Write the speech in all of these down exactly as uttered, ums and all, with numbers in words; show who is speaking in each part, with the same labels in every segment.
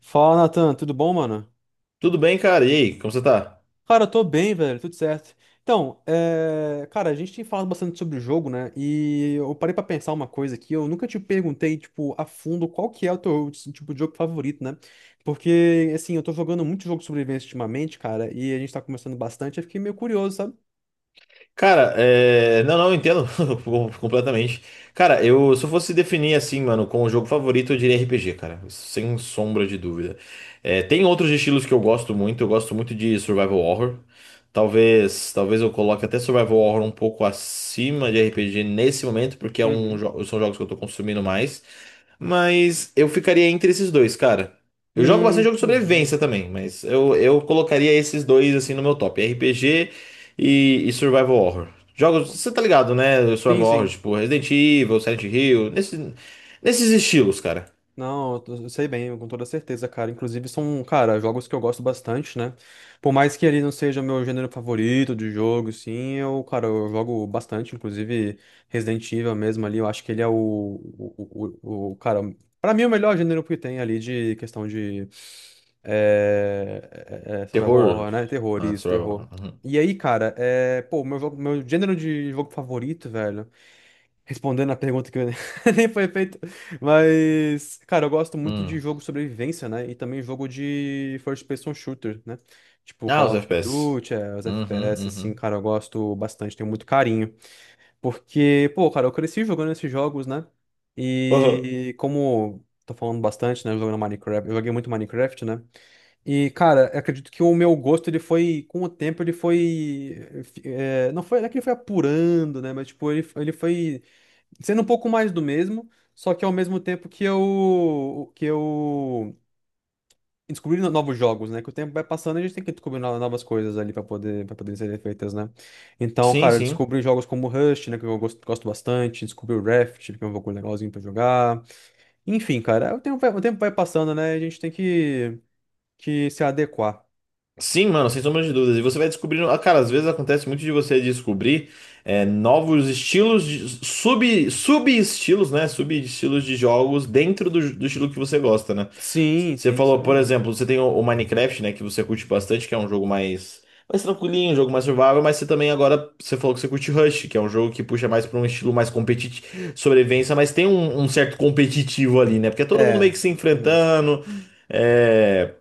Speaker 1: Fala, Natan, tudo bom, mano?
Speaker 2: Tudo bem, cara? E aí, como você tá?
Speaker 1: Cara, eu tô bem, velho, tudo certo. Então, é... cara, a gente tem falado bastante sobre o jogo, né? E eu parei pra pensar uma coisa aqui. Eu nunca te perguntei, tipo, a fundo qual que é o teu, tipo, de jogo favorito, né? Porque, assim, eu tô jogando muito jogo de sobrevivência ultimamente, cara, e a gente tá conversando bastante. Eu fiquei meio curioso, sabe?
Speaker 2: Cara, é... não, não, eu entendo com- completamente. Cara, eu se eu fosse definir assim, mano, como jogo favorito, eu diria R P G, cara, sem sombra de dúvida. É, tem outros estilos que eu gosto muito, eu gosto muito de survival horror. Talvez, talvez eu coloque até survival horror um pouco acima de R P G nesse momento, porque é um
Speaker 1: Uhum.
Speaker 2: jo- são jogos que eu tô consumindo mais. Mas eu ficaria entre esses dois, cara. Eu jogo
Speaker 1: Hum,
Speaker 2: bastante jogo de
Speaker 1: entendi.
Speaker 2: sobrevivência também, mas eu, eu colocaria esses dois assim no meu top: R P G e, e Survival Horror. Jogos, você tá ligado, né?
Speaker 1: Sim,
Speaker 2: Survival Horror,
Speaker 1: sim.
Speaker 2: tipo Resident Evil, Silent Hill, nesse, nesses estilos, cara.
Speaker 1: Não, eu tô- eu sei bem, com toda certeza, cara. Inclusive são, cara, jogos que eu gosto bastante, né? Por mais que ele não seja meu gênero favorito de jogo, sim, eu, cara, eu jogo bastante, inclusive Resident Evil mesmo ali, eu acho que ele é o, o, o, o- cara, pra mim o melhor gênero que tem ali de questão de é, é, é, survival
Speaker 2: Terror,
Speaker 1: horror, né? Terror,
Speaker 2: ah,
Speaker 1: isso,
Speaker 2: Survival
Speaker 1: terror.
Speaker 2: Horror. Uhum.
Speaker 1: E aí, cara, é, pô, meu jogo, meu gênero de jogo favorito, velho. Respondendo a pergunta que nem foi feita. Mas, cara, eu gosto muito de
Speaker 2: Hum.
Speaker 1: jogo sobrevivência, né? E também jogo de first person shooter, né? Tipo
Speaker 2: Ah,
Speaker 1: Call
Speaker 2: os
Speaker 1: of
Speaker 2: F P S.
Speaker 1: Duty, é, os F P S,
Speaker 2: Uhum,
Speaker 1: assim,
Speaker 2: uhum.
Speaker 1: cara, eu gosto bastante, tenho muito carinho. Porque, pô, cara, eu cresci jogando esses jogos, né?
Speaker 2: Aham.
Speaker 1: E como tô falando bastante, né? Jogando Minecraft, eu joguei muito Minecraft, né? E, cara, eu acredito que o meu gosto, ele foi, com o tempo, ele foi. Eh, não foi, não é que ele foi apurando, né? Mas, tipo, ele, ele foi sendo um pouco mais do mesmo, só que ao mesmo tempo que eu que eu descobri no- novos jogos, né? Que o tempo vai passando e a gente tem que descobrir no- novas coisas ali para poder para poder serem feitas, né? Então,
Speaker 2: Sim,
Speaker 1: cara, eu
Speaker 2: sim.
Speaker 1: descobri jogos como Rust, né, que eu gosto, gosto bastante, descobri o Raft, que é um jogo legalzinho para jogar. Enfim, cara, o tempo vai, o tempo vai passando, né? A gente tem que que se adequar.
Speaker 2: Sim, mano, sem sombra de dúvidas. E você vai descobrindo. Ah, cara, às vezes acontece muito de você descobrir é, novos estilos, de- sub, sub-estilos, né? Sub-estilos de jogos dentro do, do estilo que você gosta, né?
Speaker 1: Sim,
Speaker 2: Você
Speaker 1: sim, isso é
Speaker 2: falou, por
Speaker 1: verdade.
Speaker 2: exemplo, você tem o o Minecraft, né, que você curte bastante, que é um jogo mais mais tranquilinho, um jogo mais survival, mas você também agora você falou que você curte Rush, que é um jogo que puxa mais para um estilo mais competitivo, sobrevivência, mas tem um, um certo competitivo ali, né? Porque é todo mundo meio
Speaker 1: É,
Speaker 2: que se
Speaker 1: exatamente.
Speaker 2: enfrentando, é,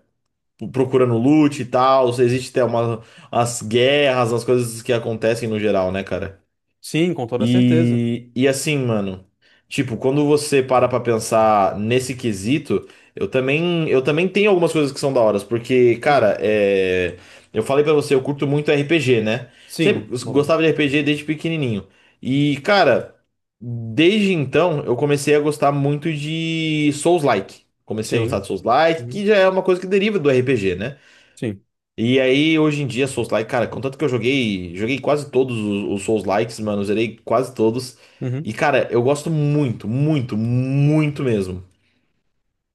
Speaker 2: procurando loot e tal, existe até uma, as guerras, as coisas que acontecem no geral, né, cara?
Speaker 1: Sim, com toda certeza.
Speaker 2: E, e assim, mano, tipo, quando você para pra pensar nesse quesito, eu também, eu também tenho algumas coisas que são da hora, porque,
Speaker 1: Hum,
Speaker 2: cara, é, eu falei pra você, eu curto muito R P G, né? Sempre
Speaker 1: sim, bolou.
Speaker 2: gostava de R P G desde pequenininho. E, cara, desde então eu comecei a gostar muito de Souls-like. Comecei a gostar
Speaker 1: Sim.
Speaker 2: de Souls-like,
Speaker 1: Uhum.
Speaker 2: que já é uma coisa que deriva do R P G, né?
Speaker 1: Sim.
Speaker 2: E aí, hoje em dia, Souls-like, cara, contanto que eu joguei, joguei quase todos os, os Souls-likes, mano, zerei quase todos.
Speaker 1: Uhum.
Speaker 2: E, cara, eu gosto muito, muito, muito mesmo.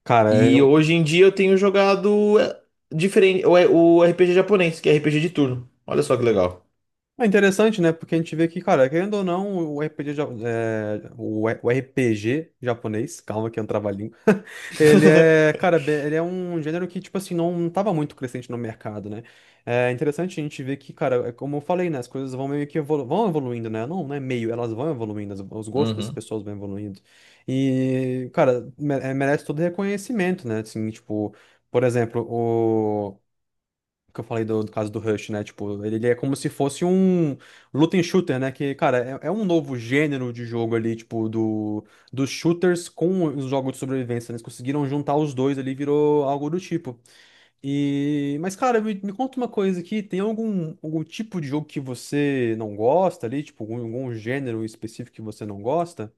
Speaker 1: Cara,
Speaker 2: E
Speaker 1: eu-
Speaker 2: hoje em dia eu tenho jogado é, diferente, o, o R P G japonês, que é R P G de turno. Olha só que legal.
Speaker 1: É interessante, né? Porque a gente vê que, cara, querendo ou não, o R P G, ja- é, o E- o R P G japonês, calma que é um trava-língua, ele é, cara, be- ele é um gênero que, tipo assim, não não tava muito crescente no mercado, né? É interessante a gente ver que, cara, é como eu falei, né? As coisas vão meio que evolu vão evoluindo, né? Não, não é meio, elas vão evoluindo, as- os gostos das
Speaker 2: Uhum.
Speaker 1: pessoas vão evoluindo. E, cara, me- é, merece todo reconhecimento, né? Assim, tipo, por exemplo, que eu falei do, do caso do Rush, né? Tipo, ele, ele é como se fosse um looting shooter, né? Que, cara, é, é um novo gênero de jogo ali, tipo, do, dos shooters com os jogos de sobrevivência, né? Eles conseguiram juntar os dois ali, virou algo do tipo. E, mas, cara, me, me conta uma coisa aqui, tem algum, algum tipo de jogo que você não gosta ali? Tipo, algum, algum gênero específico que você não gosta?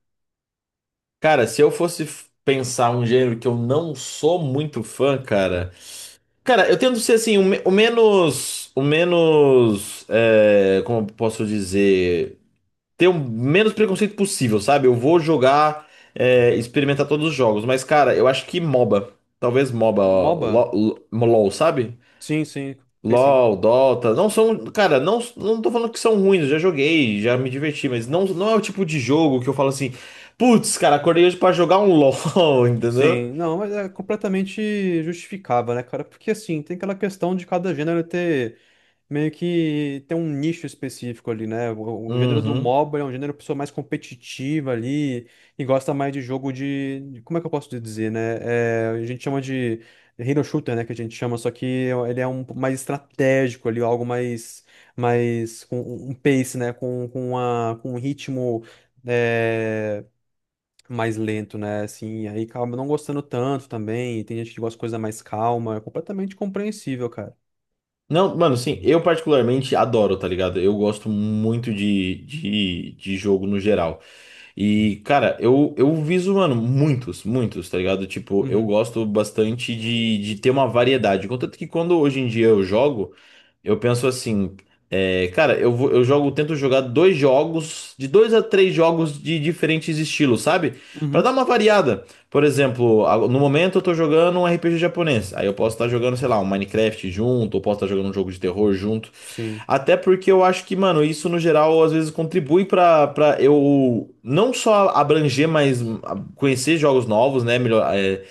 Speaker 2: Cara, se eu fosse f- pensar um gênero que eu não sou muito fã, cara. Cara, eu tento ser assim, o, me- o menos. O menos. É, como eu posso dizer? Ter o menos preconceito possível, sabe? Eu vou jogar, é, experimentar todos os jogos, mas cara, eu acho que MOBA, talvez MOBA, ó,
Speaker 1: MOBA?
Speaker 2: Lo- Lo- LOL, sabe?
Speaker 1: Sim, sim, fez sim.
Speaker 2: LOL, Dota, não são, cara, não, não tô falando que são ruins, eu já joguei, já me diverti, mas não, não é o tipo de jogo que eu falo assim, putz, cara, acordei hoje pra jogar um LOL, entendeu?
Speaker 1: Sim, não, mas é completamente justificável, né, cara? Porque assim, tem aquela questão de cada gênero ter meio que ter um nicho específico ali, né? O, o gênero do
Speaker 2: Uhum.
Speaker 1: MOBA é um gênero pessoa mais competitiva ali e gosta mais de jogo de, de- como é que eu posso dizer, né? É, a gente chama de hero shooter, né, que a gente chama, só que ele é um pouco mais estratégico ali, algo mais mais com um um pace, né, com com uma, com um ritmo é, mais lento, né? Assim, e aí acaba não gostando tanto também. E tem gente que gosta de coisa mais calma. É completamente compreensível, cara.
Speaker 2: Não, mano, sim, eu particularmente adoro, tá ligado? Eu gosto muito de, de, de jogo no geral. E, cara, eu, eu viso, mano, muitos, muitos, tá ligado? Tipo, eu
Speaker 1: Uhum.
Speaker 2: gosto bastante de, de ter uma variedade. Contanto que quando hoje em dia eu jogo, eu penso assim, é, cara, eu vou, eu jogo, tento jogar dois jogos, de dois a três jogos de diferentes estilos, sabe? Pra dar
Speaker 1: Uhum.
Speaker 2: uma variada. Por exemplo, a- no momento eu tô jogando um R P G japonês. Aí eu posso estar jogando, sei lá, um Minecraft junto, ou posso estar jogando um jogo de terror junto.
Speaker 1: Sim.
Speaker 2: Até porque eu acho que, mano, isso no geral às vezes contribui pra, pra eu não só abranger, mas hum, a- conhecer jogos novos, né? Melhor, é,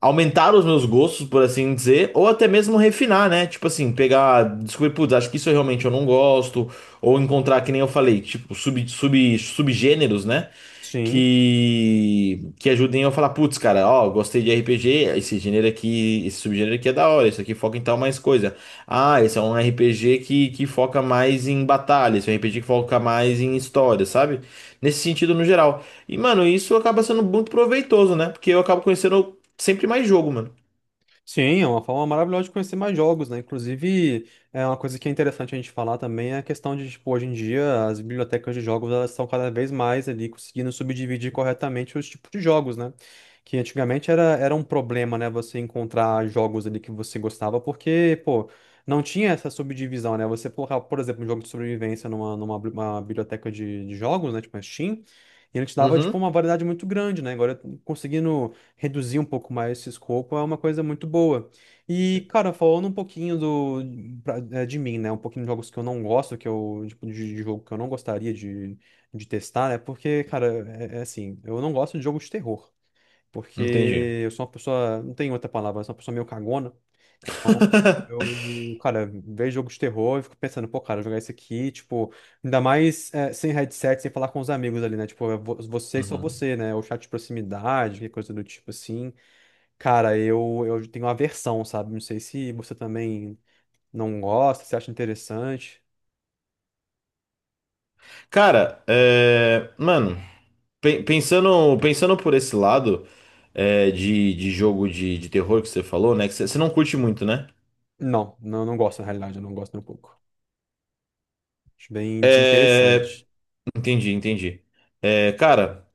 Speaker 2: aumentar os meus gostos, por assim dizer, ou até mesmo refinar, né? Tipo assim, pegar, descobrir, putz, acho que isso eu realmente eu não gosto, ou encontrar, que nem eu falei, tipo, sub, sub, subgêneros, né?
Speaker 1: Sim.
Speaker 2: Que, que ajudem eu a falar, putz, cara, ó, gostei de R P G, esse gênero aqui, esse subgênero aqui é da hora, isso aqui foca em tal mais coisa. Ah, esse é um R P G que, que foca mais em batalha, esse é um R P G que foca mais em história, sabe? Nesse sentido, no geral. E, mano, isso acaba sendo muito proveitoso, né? Porque eu acabo conhecendo sempre mais jogo, mano.
Speaker 1: Sim, é uma forma maravilhosa de conhecer mais jogos, né? Inclusive, é uma coisa que é interessante a gente falar também é a questão de, tipo, hoje em dia as bibliotecas de jogos elas estão cada vez mais ali conseguindo subdividir corretamente os tipos de jogos, né? Que antigamente era, era um problema, né? Você encontrar jogos ali que você gostava, porque, pô, não tinha essa subdivisão, né? Você colocar, por exemplo, um jogo de sobrevivência numa, numa bi- uma biblioteca de, de jogos, né? Tipo a Steam, e ele te dava, tipo,
Speaker 2: Uhum,
Speaker 1: uma variedade muito grande, né? Agora, conseguindo reduzir um pouco mais esse escopo é uma coisa muito boa. E, cara, falando um pouquinho do, pra- eh, de mim, né? Um pouquinho de jogos que eu não gosto, que eu, tipo, de, de jogo que eu não gostaria de, de testar, né? Porque, cara, é, é assim, eu não gosto de jogo de terror.
Speaker 2: entendi.
Speaker 1: Porque eu sou uma pessoa, não tem outra palavra, eu sou uma pessoa meio cagona. Então, eu, cara, vejo jogo de terror e fico pensando, pô, cara, jogar isso aqui, tipo, ainda mais eh, sem headset, sem falar com os amigos ali, né? Tipo, é vo- você e só
Speaker 2: Uhum.
Speaker 1: você, né? Ou chat de proximidade, que coisa do tipo assim. Cara, eu, eu tenho aversão, sabe? Não sei se você também não gosta, se acha interessante.
Speaker 2: Cara, é, mano, pe- pensando, pensando por esse lado é, de, de jogo de, de terror que você falou, né? Que você você não curte muito, né?
Speaker 1: Não, não, não gosto, na realidade, eu não gosto nem um pouco. Acho bem
Speaker 2: É,
Speaker 1: desinteressante.
Speaker 2: entendi, entendi. É, cara,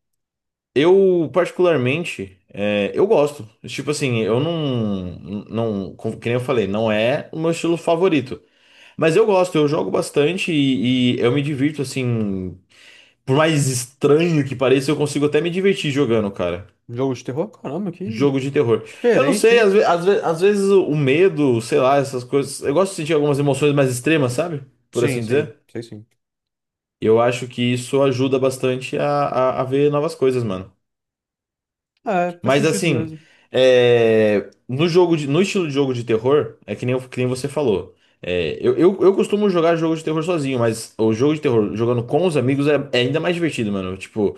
Speaker 2: eu particularmente, é, eu gosto. Tipo assim, eu
Speaker 1: Uhum.
Speaker 2: não, não, como- que nem eu falei, não é o meu estilo favorito. Mas eu gosto, eu jogo bastante e, e eu me divirto assim. Por mais estranho que pareça, eu consigo até me divertir jogando, cara.
Speaker 1: Jogo de terror? Caramba, que
Speaker 2: Jogo de terror. Eu não
Speaker 1: diferente,
Speaker 2: sei,
Speaker 1: hein?
Speaker 2: às, ve- às ve- às vezes o o medo, sei lá, essas coisas. Eu gosto de sentir algumas emoções mais extremas, sabe? Por
Speaker 1: Sim,
Speaker 2: assim
Speaker 1: sim,
Speaker 2: dizer.
Speaker 1: sei sim.
Speaker 2: Eu acho que isso ajuda bastante a, a, a ver novas coisas, mano.
Speaker 1: É, faz
Speaker 2: Mas
Speaker 1: sentido
Speaker 2: assim,
Speaker 1: mesmo.
Speaker 2: é, no jogo de- no estilo de jogo de terror, é que nem, que nem você falou. É, eu, eu, eu costumo jogar jogo de terror sozinho, mas o jogo de terror jogando com os amigos é, é ainda mais divertido, mano. Tipo,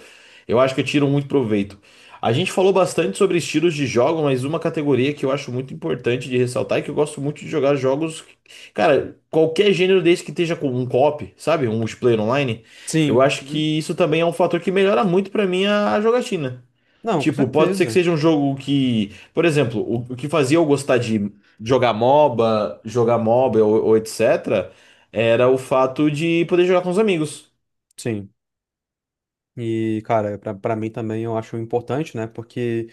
Speaker 2: eu acho que eu tiro muito proveito. A gente falou bastante sobre estilos de jogo, mas uma categoria que eu acho muito importante de ressaltar é que eu gosto muito de jogar jogos. Cara, qualquer gênero desse que esteja com um co-op, sabe? Um multiplayer online. Eu
Speaker 1: Sim.
Speaker 2: acho
Speaker 1: Uhum.
Speaker 2: que isso também é um fator que melhora muito pra mim a a jogatina.
Speaker 1: Não, com
Speaker 2: Tipo, pode ser que
Speaker 1: certeza.
Speaker 2: seja um jogo que, por exemplo, o, o que fazia eu gostar de jogar MOBA, jogar MOBA ou, ou etc, era o fato de poder jogar com os amigos.
Speaker 1: Sim. E, cara, pra, pra mim também eu acho importante, né? Porque.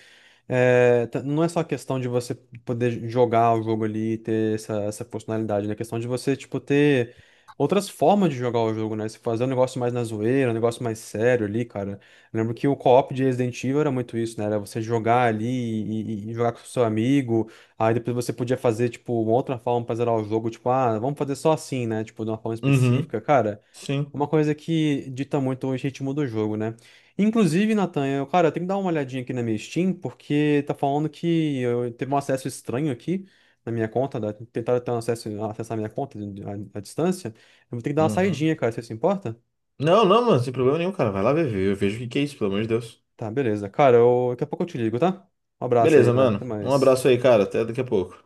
Speaker 1: É, t- não é só questão de você poder jogar o jogo ali e ter essa, essa funcionalidade, né? É questão de você, tipo, ter outras formas de jogar o jogo, né? Você fazer um negócio mais na zoeira, um negócio mais sério ali, cara. Eu lembro que o co-op de Resident Evil era muito isso, né? Era você jogar ali e, e- e jogar com o seu amigo. Aí depois você podia fazer, tipo, uma outra forma pra zerar o jogo, tipo, ah, vamos fazer só assim, né? Tipo, de uma forma
Speaker 2: Uhum,
Speaker 1: específica. Cara,
Speaker 2: sim.
Speaker 1: uma coisa que dita muito o ritmo do jogo, né? Inclusive, Nathan, eu, cara, eu tenho que dar uma olhadinha aqui na minha Steam, porque tá falando que eu teve um acesso estranho aqui na minha conta, da, tentaram ter um acesso, acessar a minha conta de- à, à distância. Eu vou ter que dar uma
Speaker 2: Uhum.
Speaker 1: saidinha, cara, você se importa?
Speaker 2: Não, não, mano, sem problema nenhum, cara. Vai lá ver, eu vejo o que que é isso, pelo amor de Deus.
Speaker 1: Tá, beleza. Cara, eu- daqui a pouco eu te ligo, tá? Um abraço aí,
Speaker 2: Beleza,
Speaker 1: velho. Até
Speaker 2: mano. Um
Speaker 1: mais.
Speaker 2: abraço aí, cara. Até daqui a pouco.